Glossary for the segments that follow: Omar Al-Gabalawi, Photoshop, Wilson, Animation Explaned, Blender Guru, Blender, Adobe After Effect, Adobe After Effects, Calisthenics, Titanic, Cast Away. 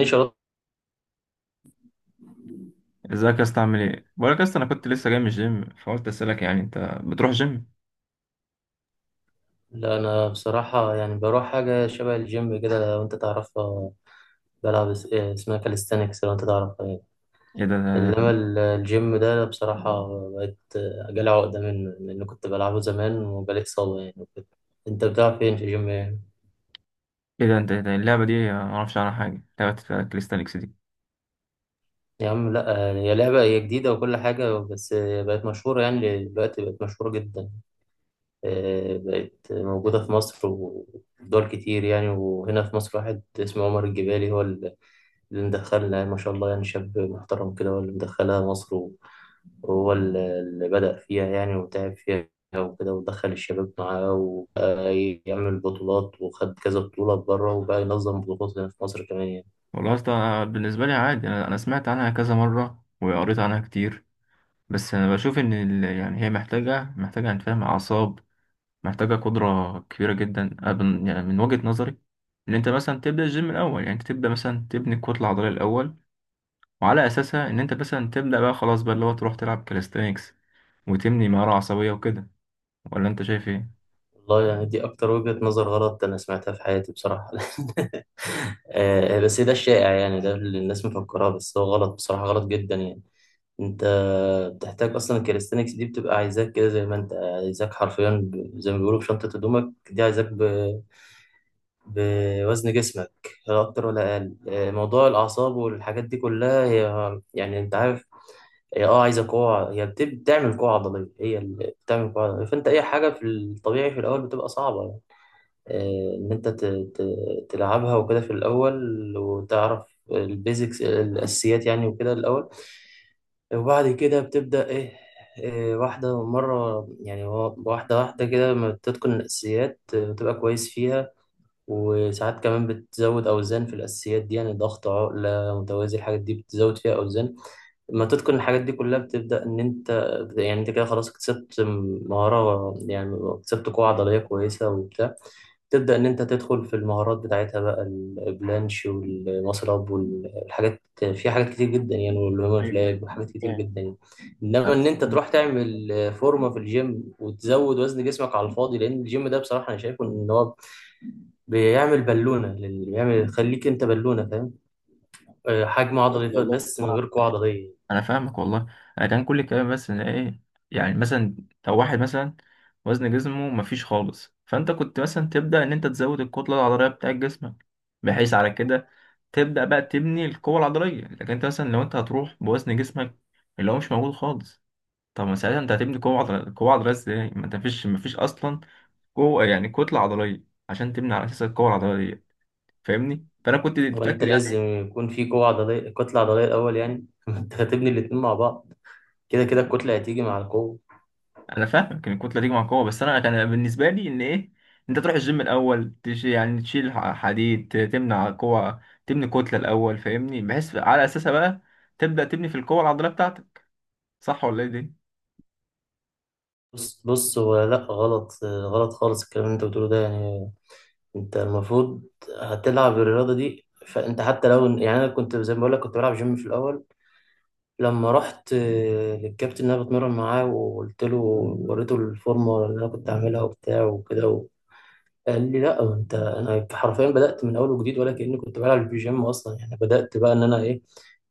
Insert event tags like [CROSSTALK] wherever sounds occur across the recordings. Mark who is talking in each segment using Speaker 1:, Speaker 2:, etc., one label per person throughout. Speaker 1: ليش أرد؟
Speaker 2: ازيك يا اسطى عامل ايه؟ بقولك يا اسطى انا كنت لسه جاي من الجيم فقلت اسالك يعني انت بتروح جيم؟
Speaker 1: لا، أنا بصراحة يعني بروح حاجة شبه الجيم كده لو أنت تعرفها. بلعب إيه اسمها؟ كاليستانكس، لو أنت تعرفها يعني.
Speaker 2: ايه ده
Speaker 1: إنما الجيم ده بصراحة بقيت جالي عقدة منه، لأن كنت بلعبه زمان وجالي إصابة يعني وكده. أنت بتلعب فين في الجيم يعني؟
Speaker 2: ايه ده انت إيه ده إيه اللعبه دي ما اعرفش عنها حاجه لعبه كاليستانكس دي.
Speaker 1: يا عم لا، هي لعبة هي جديدة وكل حاجة، بس بقت مشهورة يعني دلوقتي، بقت مشهورة جدا. إيه، بقت موجودة في مصر ودول كتير يعني، وهنا في مصر واحد اسمه عمر الجبالي هو اللي مدخلها، ما شاء الله يعني، شاب محترم كده، هو اللي مدخلها مصر وهو اللي بدأ فيها يعني وتعب فيها وكده، ودخل الشباب معاه وبقى يعمل بطولات وخد كذا بطولة بره وبقى ينظم بطولات هنا في مصر كمان يعني.
Speaker 2: والله يا اسطى أنا بالنسبه لي عادي، انا سمعت عنها كذا مره وقريت عنها كتير، بس انا بشوف ان يعني هي محتاجه انت فاهم اعصاب، محتاجه قدره كبيره جدا. أنا من وجهه نظري ان انت مثلا تبدا الجيم الاول، يعني انت تبدا مثلا تبني الكتله العضليه الاول، وعلى اساسها ان انت مثلا تبدا بقى خلاص بقى اللي هو تروح تلعب كاليستانكس وتبني مهارة عصبية وكده. ولا أنت شايف إيه؟
Speaker 1: والله يعني دي أكتر وجهة نظر غلط أنا سمعتها في حياتي بصراحة. [LAUGHS] آه، بس ده الشائع يعني، ده اللي الناس مفكراه، بس هو غلط بصراحة، غلط جدا يعني. انت بتحتاج اصلا الكاليستنكس دي بتبقى عايزاك كده، زي ما انت عايزاك حرفيا، زي ما بيقولوا بشنطة هدومك دي، عايزاك بوزن جسمك، لا اكتر ولا اقل. آه، موضوع الاعصاب والحاجات دي كلها، هي يعني انت عارف، هي عايزه قوه، هي بتعمل قوه عضليه، هي اللي بتعمل قوه عضليه، فانت اي حاجه في الطبيعي في الاول بتبقى صعبه يعني. آه، ان انت تلعبها وكده في الاول، وتعرف البيزكس، الاساسيات يعني وكده الاول، وبعد كده بتبدأ إيه. إيه، واحدة مرة يعني، واحدة واحدة كده، لما بتتقن الأساسيات آه، بتبقى كويس فيها. وساعات كمان بتزود أوزان في الأساسيات دي يعني، ضغط عقلة متوازي، الحاجات دي بتزود فيها أوزان. لما تتقن الحاجات دي كلها بتبدأ إن أنت، يعني أنت كده خلاص اكتسبت مهارة يعني، اكتسبت قوة عضلية كويسة وبتاع، تبدأ إن أنت تدخل في المهارات بتاعتها بقى، البلانش والمصرب والحاجات، في حاجات كتير جدا يعني والهيومن
Speaker 2: ايوه ايوه،
Speaker 1: فلاج وحاجات كتير
Speaker 2: فاهم.
Speaker 1: جدا يعني. إنما
Speaker 2: أنا
Speaker 1: إن أنت تروح تعمل فورمة في الجيم وتزود وزن جسمك على الفاضي، لأن الجيم ده بصراحة أنا شايفه إن هو بيعمل بالونة، بيعمل يخليك انت بالونة، فاهم؟ آه، حجم عضلي بس من غير قوة عضلية.
Speaker 2: أنا فاهمك والله. أنا كان كل الكلام بس إن إيه، يعني مثلا لو واحد مثلا وزن جسمه مفيش خالص، فأنت كنت مثلا تبدأ إن أنت تزود الكتلة العضلية بتاعت جسمك، بحيث على كده تبدأ بقى تبني القوة العضلية. لكن أنت مثلا لو أنت هتروح بوزن جسمك اللي هو مش موجود خالص، طب ما ساعتها أنت هتبني قوة عضلية، قوة عضلية إزاي؟ ما أنت مفيش أصلا قوة، يعني كتلة عضلية عشان تبني على أساس القوة العضلية، فاهمني؟ فانا كنت
Speaker 1: هو انت
Speaker 2: فاكر يعني.
Speaker 1: لازم يكون في قوة عضلية، كتلة عضلية الأول يعني. [LAUGHS] انت هتبني الاتنين مع بعض، كده كده الكتلة هتيجي مع القوة.
Speaker 2: انا فاهمك ان الكتله تيجي مع القوه، بس انا كان بالنسبه لي ان ايه، انت تروح الجيم الاول تش يعني تشيل حديد، تمنع قوه، تبني كتله الاول، فاهمني؟ بحيث على اساسها بقى تبدا تبني في القوه العضليه بتاعتك، صح ولا ايه دي؟
Speaker 1: بص بص، هو لا، غلط آه، غلط خالص الكلام اللي انت بتقوله ده يعني. انت المفروض هتلعب الرياضة دي، فانت حتى لو يعني، انا كنت زي ما بقول لك، كنت بلعب جيم في الاول، لما رحت للكابتن اللي انا بتمرن معاه وقلت له، وريته الفورمه اللي انا كنت عاملها وبتاع وكده، قال لي لا انت، انا حرفيا بدات من اول وجديد، ولا كاني كنت بلعب بيجيم اصلا يعني، بدات بقى ان انا ايه،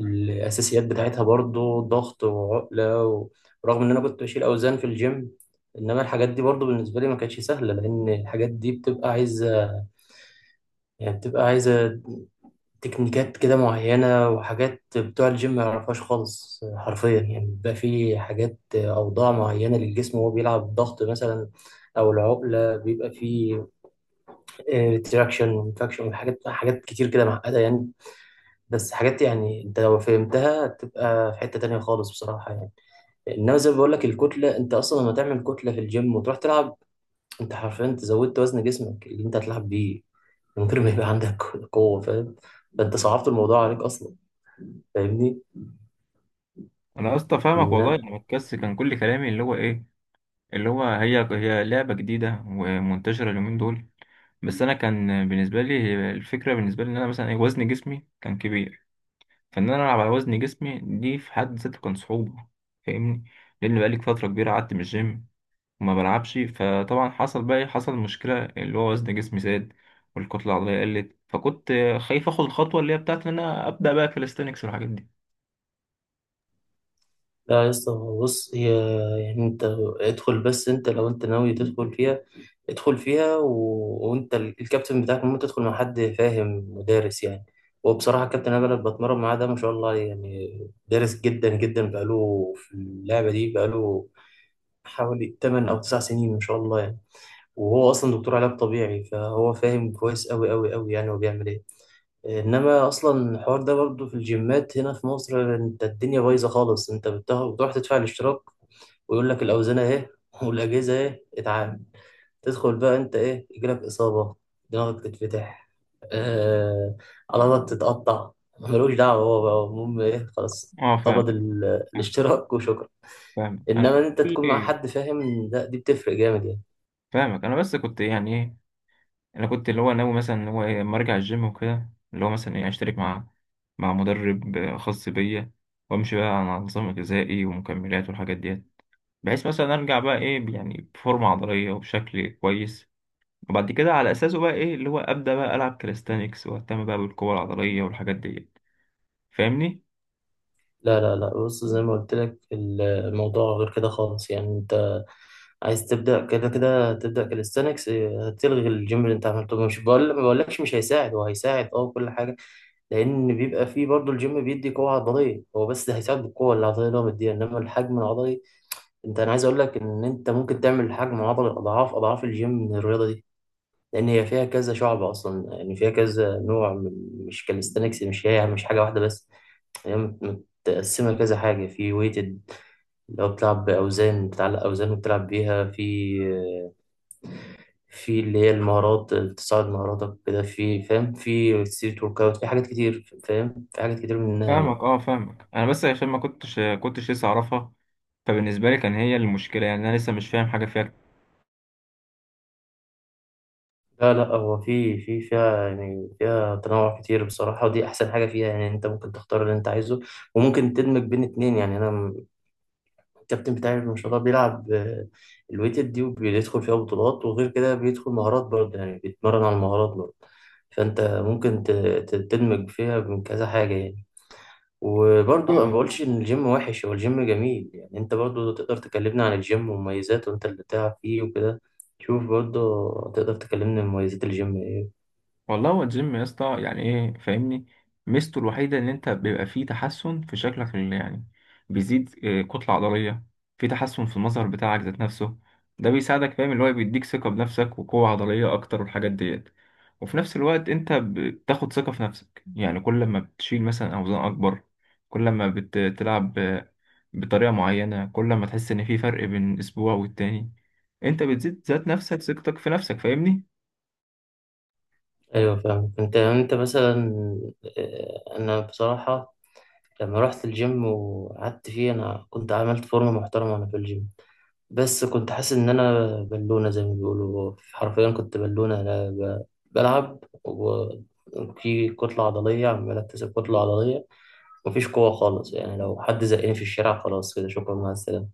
Speaker 1: الاساسيات بتاعتها برضو، ضغط وعقله ورغم ان انا كنت بشيل اوزان في الجيم، انما الحاجات دي برضو بالنسبه لي ما كانتش سهله، لان الحاجات دي بتبقى عايزه يعني، بتبقى عايزه تكنيكات كده معينه، وحاجات بتوع الجيم ما يعرفهاش خالص حرفيا يعني، بيبقى في حاجات، اوضاع معينه للجسم وهو بيلعب ضغط مثلا، او العقله، بيبقى في ديراكشن وانفكشن، وحاجات كتير كده معقدة يعني. بس حاجات يعني، انت لو فهمتها تبقى في حتة تانية خالص بصراحة يعني. انما زي ما بقول لك، الكتلة انت اصلا لما تعمل كتلة في الجيم وتروح تلعب، انت حرفيا انت زودت وزن جسمك اللي انت هتلعب بيه، من غير ما يبقى عندك [LAUGHS] قوة، فاهم؟ ده انت صعبت الموضوع عليك اصلا، فاهمني؟
Speaker 2: انا يا اسطى فاهمك والله. انا بتكس كان كل كلامي اللي هو ايه، اللي هو هي هي لعبه جديده ومنتشره اليومين دول، بس انا كان بالنسبه لي الفكره، بالنسبه لي ان انا مثلا إيه، وزن جسمي كان كبير، فان انا العب على وزن جسمي دي في حد ذاته كان صعوبه، فاهمني؟ لان بقالي فتره كبيره قعدت من الجيم وما بلعبش، فطبعا حصل بقى إيه؟ حصل مشكله اللي هو وزن جسمي زاد والكتله العضليه قلت، فكنت خايف اخد الخطوه اللي هي بتاعت ان انا ابدا بقى كاليستانكس والحاجات دي.
Speaker 1: لا يا اسطى، هو بص، هي يعني انت ادخل بس، انت لو انت ناوي تدخل فيها، ادخل فيها. و... وانت الكابتن بتاعك ممكن تدخل مع حد فاهم ودارس يعني. وبصراحة كابتن انا اللي بتمرن معاه ده، ما شاء الله يعني دارس جدا جدا، بقاله في اللعبة دي بقاله حوالي 8 او 9 سنين ما شاء الله يعني. وهو اصلا دكتور علاج طبيعي، فهو فاهم كويس قوي قوي قوي يعني، هو بيعمل ايه. انما اصلا الحوار ده برضه في الجيمات هنا في مصر، انت الدنيا بايظه خالص، انت بتروح تدفع الاشتراك، ويقول لك الاوزان اهي [LAUGHS] والاجهزه اهي، اتعامل، تدخل بقى انت، ايه يجيلك اصابه، دماغك تتفتح، آه، عضلاتك تتقطع، ملوش دعوه، هو بقى المهم ايه؟ خلاص،
Speaker 2: اه فاهمك.
Speaker 1: قبض
Speaker 2: فاهم.
Speaker 1: الاشتراك وشكرا.
Speaker 2: فاهم. انا كنت
Speaker 1: انما ان انت تكون مع
Speaker 2: إيه؟
Speaker 1: حد فاهم، لا دي بتفرق جامد يعني.
Speaker 2: فاهمك. انا بس كنت يعني ايه، انا كنت اللي هو ناوي مثلا اللي هو إيه، اما ارجع الجيم وكده، اللي هو مثلا ايه اشترك مع مع مدرب خاص بيا، وامشي بقى على نظام غذائي ومكملات والحاجات دي، بحيث مثلا ارجع بقى ايه يعني بفورمه عضليه وبشكل كويس، وبعد كده على اساسه بقى ايه اللي هو ابدا بقى العب كاليستانكس واهتم بقى بالقوه العضليه والحاجات دي، فاهمني؟
Speaker 1: لا لا لا، بص زي ما قلت لك، الموضوع غير كده خالص يعني، انت عايز تبدا، كده كده تبدا كاليستانكس، هتلغي الجيم اللي انت عملته، مش بقول ما بقولكش مش هيساعد، هو هيساعد اه وكل حاجه، لان بيبقى فيه برضه، الجيم بيدي قوه عضليه هو، بس هيساعد بالقوه العضليه اللي هو مديها. انما الحجم العضلي، انت انا عايز اقول لك ان انت ممكن تعمل حجم عضلي اضعاف اضعاف الجيم من الرياضه دي. لان هي فيها كذا شعب اصلا يعني، فيها كذا نوع مش كاليستانكس، مش هي مش حاجه واحده بس، هي متقسمة كذا حاجة، في ويتد اللي هو بتلعب بأوزان، بتعلق أوزان وبتلعب بيها في اللي هي المهارات، تصعد مهاراتك كده في، فاهم؟ في ستريت ورك أوت، في حاجات كتير، فاهم؟ في حاجات كتير منها
Speaker 2: فاهمك
Speaker 1: يعني.
Speaker 2: اه فاهمك. انا بس عشان ما كنتش لسه اعرفها، فبالنسبه لي كان هي المشكله، يعني انا لسه مش فاهم حاجه فيها.
Speaker 1: لا لا، هو في في فيها يعني، فيها تنوع كتير بصراحة، ودي أحسن حاجة فيها يعني، أنت ممكن تختار اللي أنت عايزه، وممكن تدمج بين اتنين يعني. أنا الكابتن بتاعي ما شاء الله بيلعب الويتد دي، وبيدخل فيها بطولات، وغير كده بيدخل مهارات برضه يعني، بيتمرن على المهارات برضه. فأنت ممكن تدمج فيها من كذا حاجة يعني. وبرضه أنا ما
Speaker 2: فاهمك.
Speaker 1: بقولش إن الجيم وحش، هو الجيم جميل يعني، أنت برضه تقدر تكلمنا عن الجيم ومميزاته، وأنت اللي بتلعب فيه وكده. شوف برضه، تقدر تكلمنا عن مميزات الجيم إيه.
Speaker 2: والله هو الجيم يا اسطى يعني ايه، فاهمني؟ ميزته الوحيده ان انت بيبقى فيه تحسن في شكلك، يعني بيزيد كتله عضليه، في تحسن في المظهر بتاعك ذات نفسه، ده بيساعدك فاهم اللي هو بيديك ثقه بنفسك وقوه عضليه اكتر والحاجات ديت. وفي نفس الوقت انت بتاخد ثقه في نفسك، يعني كل ما بتشيل مثلا اوزان اكبر، كل ما بتلعب بطريقه معينه، كل ما تحس ان في فرق بين اسبوع والتاني، انت بتزيد ذات نفسك ثقتك في نفسك، فاهمني؟
Speaker 1: أيوه فاهم، أنت يعني، أنت مثلا، أنا بصراحة لما رحت الجيم وقعدت فيه، أنا كنت عملت فورمة محترمة وأنا في الجيم، بس كنت حاسس ان انا بالونة، زي ما بيقولوا حرفيا كنت بالونة، انا بلعب وفي كتلة عضلية عمال اكتسب كتلة عضلية، مفيش قوة خالص يعني، لو حد زقني في الشارع خلاص كده شكرا مع السلامة.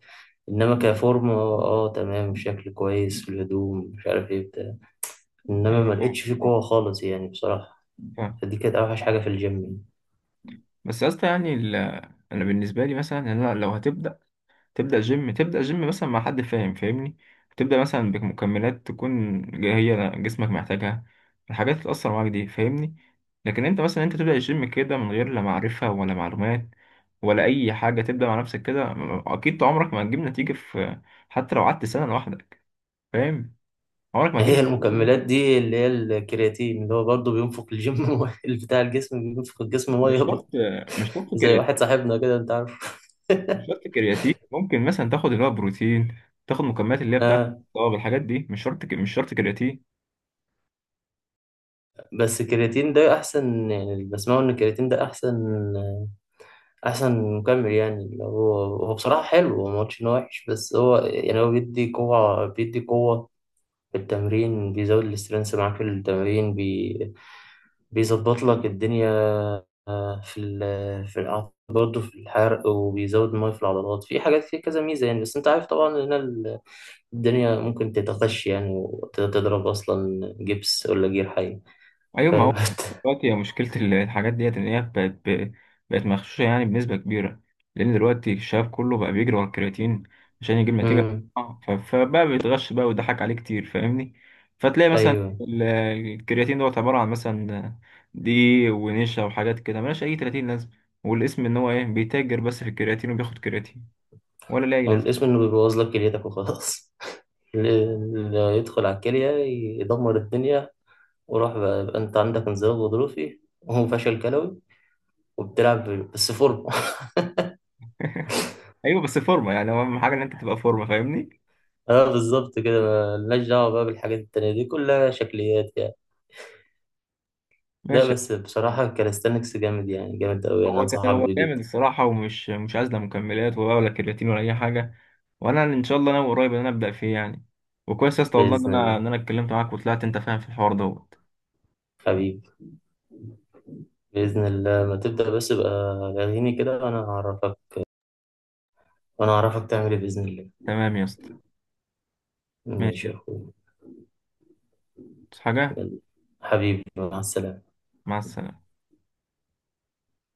Speaker 1: انما كفورم تمام، شكل كويس في الهدوم مش عارف ايه بتاع، انما
Speaker 2: ايوه
Speaker 1: ما
Speaker 2: فاهم.
Speaker 1: لقيتش فيه قوة خالص يعني بصراحة.
Speaker 2: فاهم.
Speaker 1: فدي كانت اوحش حاجة في الجيم.
Speaker 2: بس يا اسطى يعني انا بالنسبه لي مثلا إن انا لو هتبدا، تبدا جيم، تبدا جيم مثلا مع حد فاهم فاهمني، تبدا مثلا بمكملات تكون هي جسمك محتاجها، الحاجات اللي تاثر معاك دي، فاهمني؟ لكن انت مثلا انت تبدا الجيم كده من غير لا معرفه ولا معلومات ولا اي حاجه، تبدا مع نفسك كده، اكيد عمرك ما هتجيب نتيجه في، حتى لو قعدت سنه لوحدك، فاهم؟ عمرك ما
Speaker 1: هي
Speaker 2: هتجيب.
Speaker 1: المكملات دي اللي هي الكرياتين، اللي هو برضه بينفق الجيم [LAUGHS] مية، اللي بتاع الجسم بينفق الجسم
Speaker 2: مش
Speaker 1: ميه برضه،
Speaker 2: شرط. مش شرط.
Speaker 1: زي واحد صاحبنا كده انت عارف.
Speaker 2: مش شرط كرياتين، ممكن مثلا تاخد اللي هو بروتين، تاخد مكملات اللي هي بتاعت
Speaker 1: آه،
Speaker 2: الطاقه، الحاجات دي مش شرط مش شرط كرياتين.
Speaker 1: بس الكرياتين ده احسن يعني، اللي بسمعه ان الكرياتين ده احسن، احسن مكمل يعني اللي هو، هو بصراحه حلو، هو ما قلتش ان هو وحش، بس هو يعني هو بيدي قوه في التمرين، بيزود الاسترنس معاك في التمرين، بيظبط لك الدنيا. آه، في ال في الع- برضه في الحرق، وبيزود المية في العضلات في حاجات، فيه كذا ميزة يعني. بس أنت عارف طبعا إن الدنيا ممكن تتخش يعني وتضرب أصلا جبس ولا جير حي،
Speaker 2: ايوه ما هو
Speaker 1: فاهم؟ [LAUGHS]
Speaker 2: دلوقتي هي مشكله الحاجات ديت ان هي بقت بقت مغشوشه يعني بنسبه كبيره، لان دلوقتي الشباب كله بقى بيجري ورا الكرياتين عشان يجيب نتيجه.
Speaker 1: أمم،
Speaker 2: فبقى بيتغش بقى ويضحك عليه كتير، فاهمني؟ فتلاقي مثلا
Speaker 1: أيوه.
Speaker 2: الكرياتين دوت عباره عن مثلا دقيق ونشا وحاجات كده ملهاش اي 30 لازمه، والاسم ان هو ايه بيتاجر بس في الكرياتين وبياخد كرياتين ولا ليه أي
Speaker 1: والاسم
Speaker 2: لازمه.
Speaker 1: إنه بيبوظ لك كليتك وخلاص. [LAUGHS] اللي يدخل على الكلية يدمر الدنيا، وراح بقى، يبقى أنت عندك انزلاق غضروفي وهو فشل كلوي، وبتلعب بس فورمة. [LAUGHS]
Speaker 2: ايوه بس فورمه، يعني هو اهم حاجه ان انت تبقى فورمه، فاهمني؟
Speaker 1: اه بالظبط كده، ملناش دعوة بقى بالحاجات التانية دي كلها شكليات. لا
Speaker 2: ماشي.
Speaker 1: بس بصراحة كاليستانكس جامد يعني، جامد أوي يعني،
Speaker 2: هو كان
Speaker 1: أنصحك
Speaker 2: هو
Speaker 1: بيه
Speaker 2: جامد
Speaker 1: جدا.
Speaker 2: الصراحه ومش، مش عايز لا مكملات ولا كرياتين ولا اي حاجه، وانا ان شاء الله انا قريب ان انا ابدا فيه يعني. وكويس يا اسطى والله ان
Speaker 1: بإذن
Speaker 2: انا
Speaker 1: الله
Speaker 2: ان انا اتكلمت معاك وطلعت انت فاهم في الحوار دوت.
Speaker 1: حبيبي. بإذن الله ما تبدأ بس يبقى لاغيني كده، وأنا هعرفك تعمل إيه بإذن الله.
Speaker 2: تمام يا اسطى. ماشي
Speaker 1: ماشي يا
Speaker 2: يا
Speaker 1: أخويا.
Speaker 2: اسطى. حاجه.
Speaker 1: يلا. حبيبي مع السلامة.
Speaker 2: مع السلامه.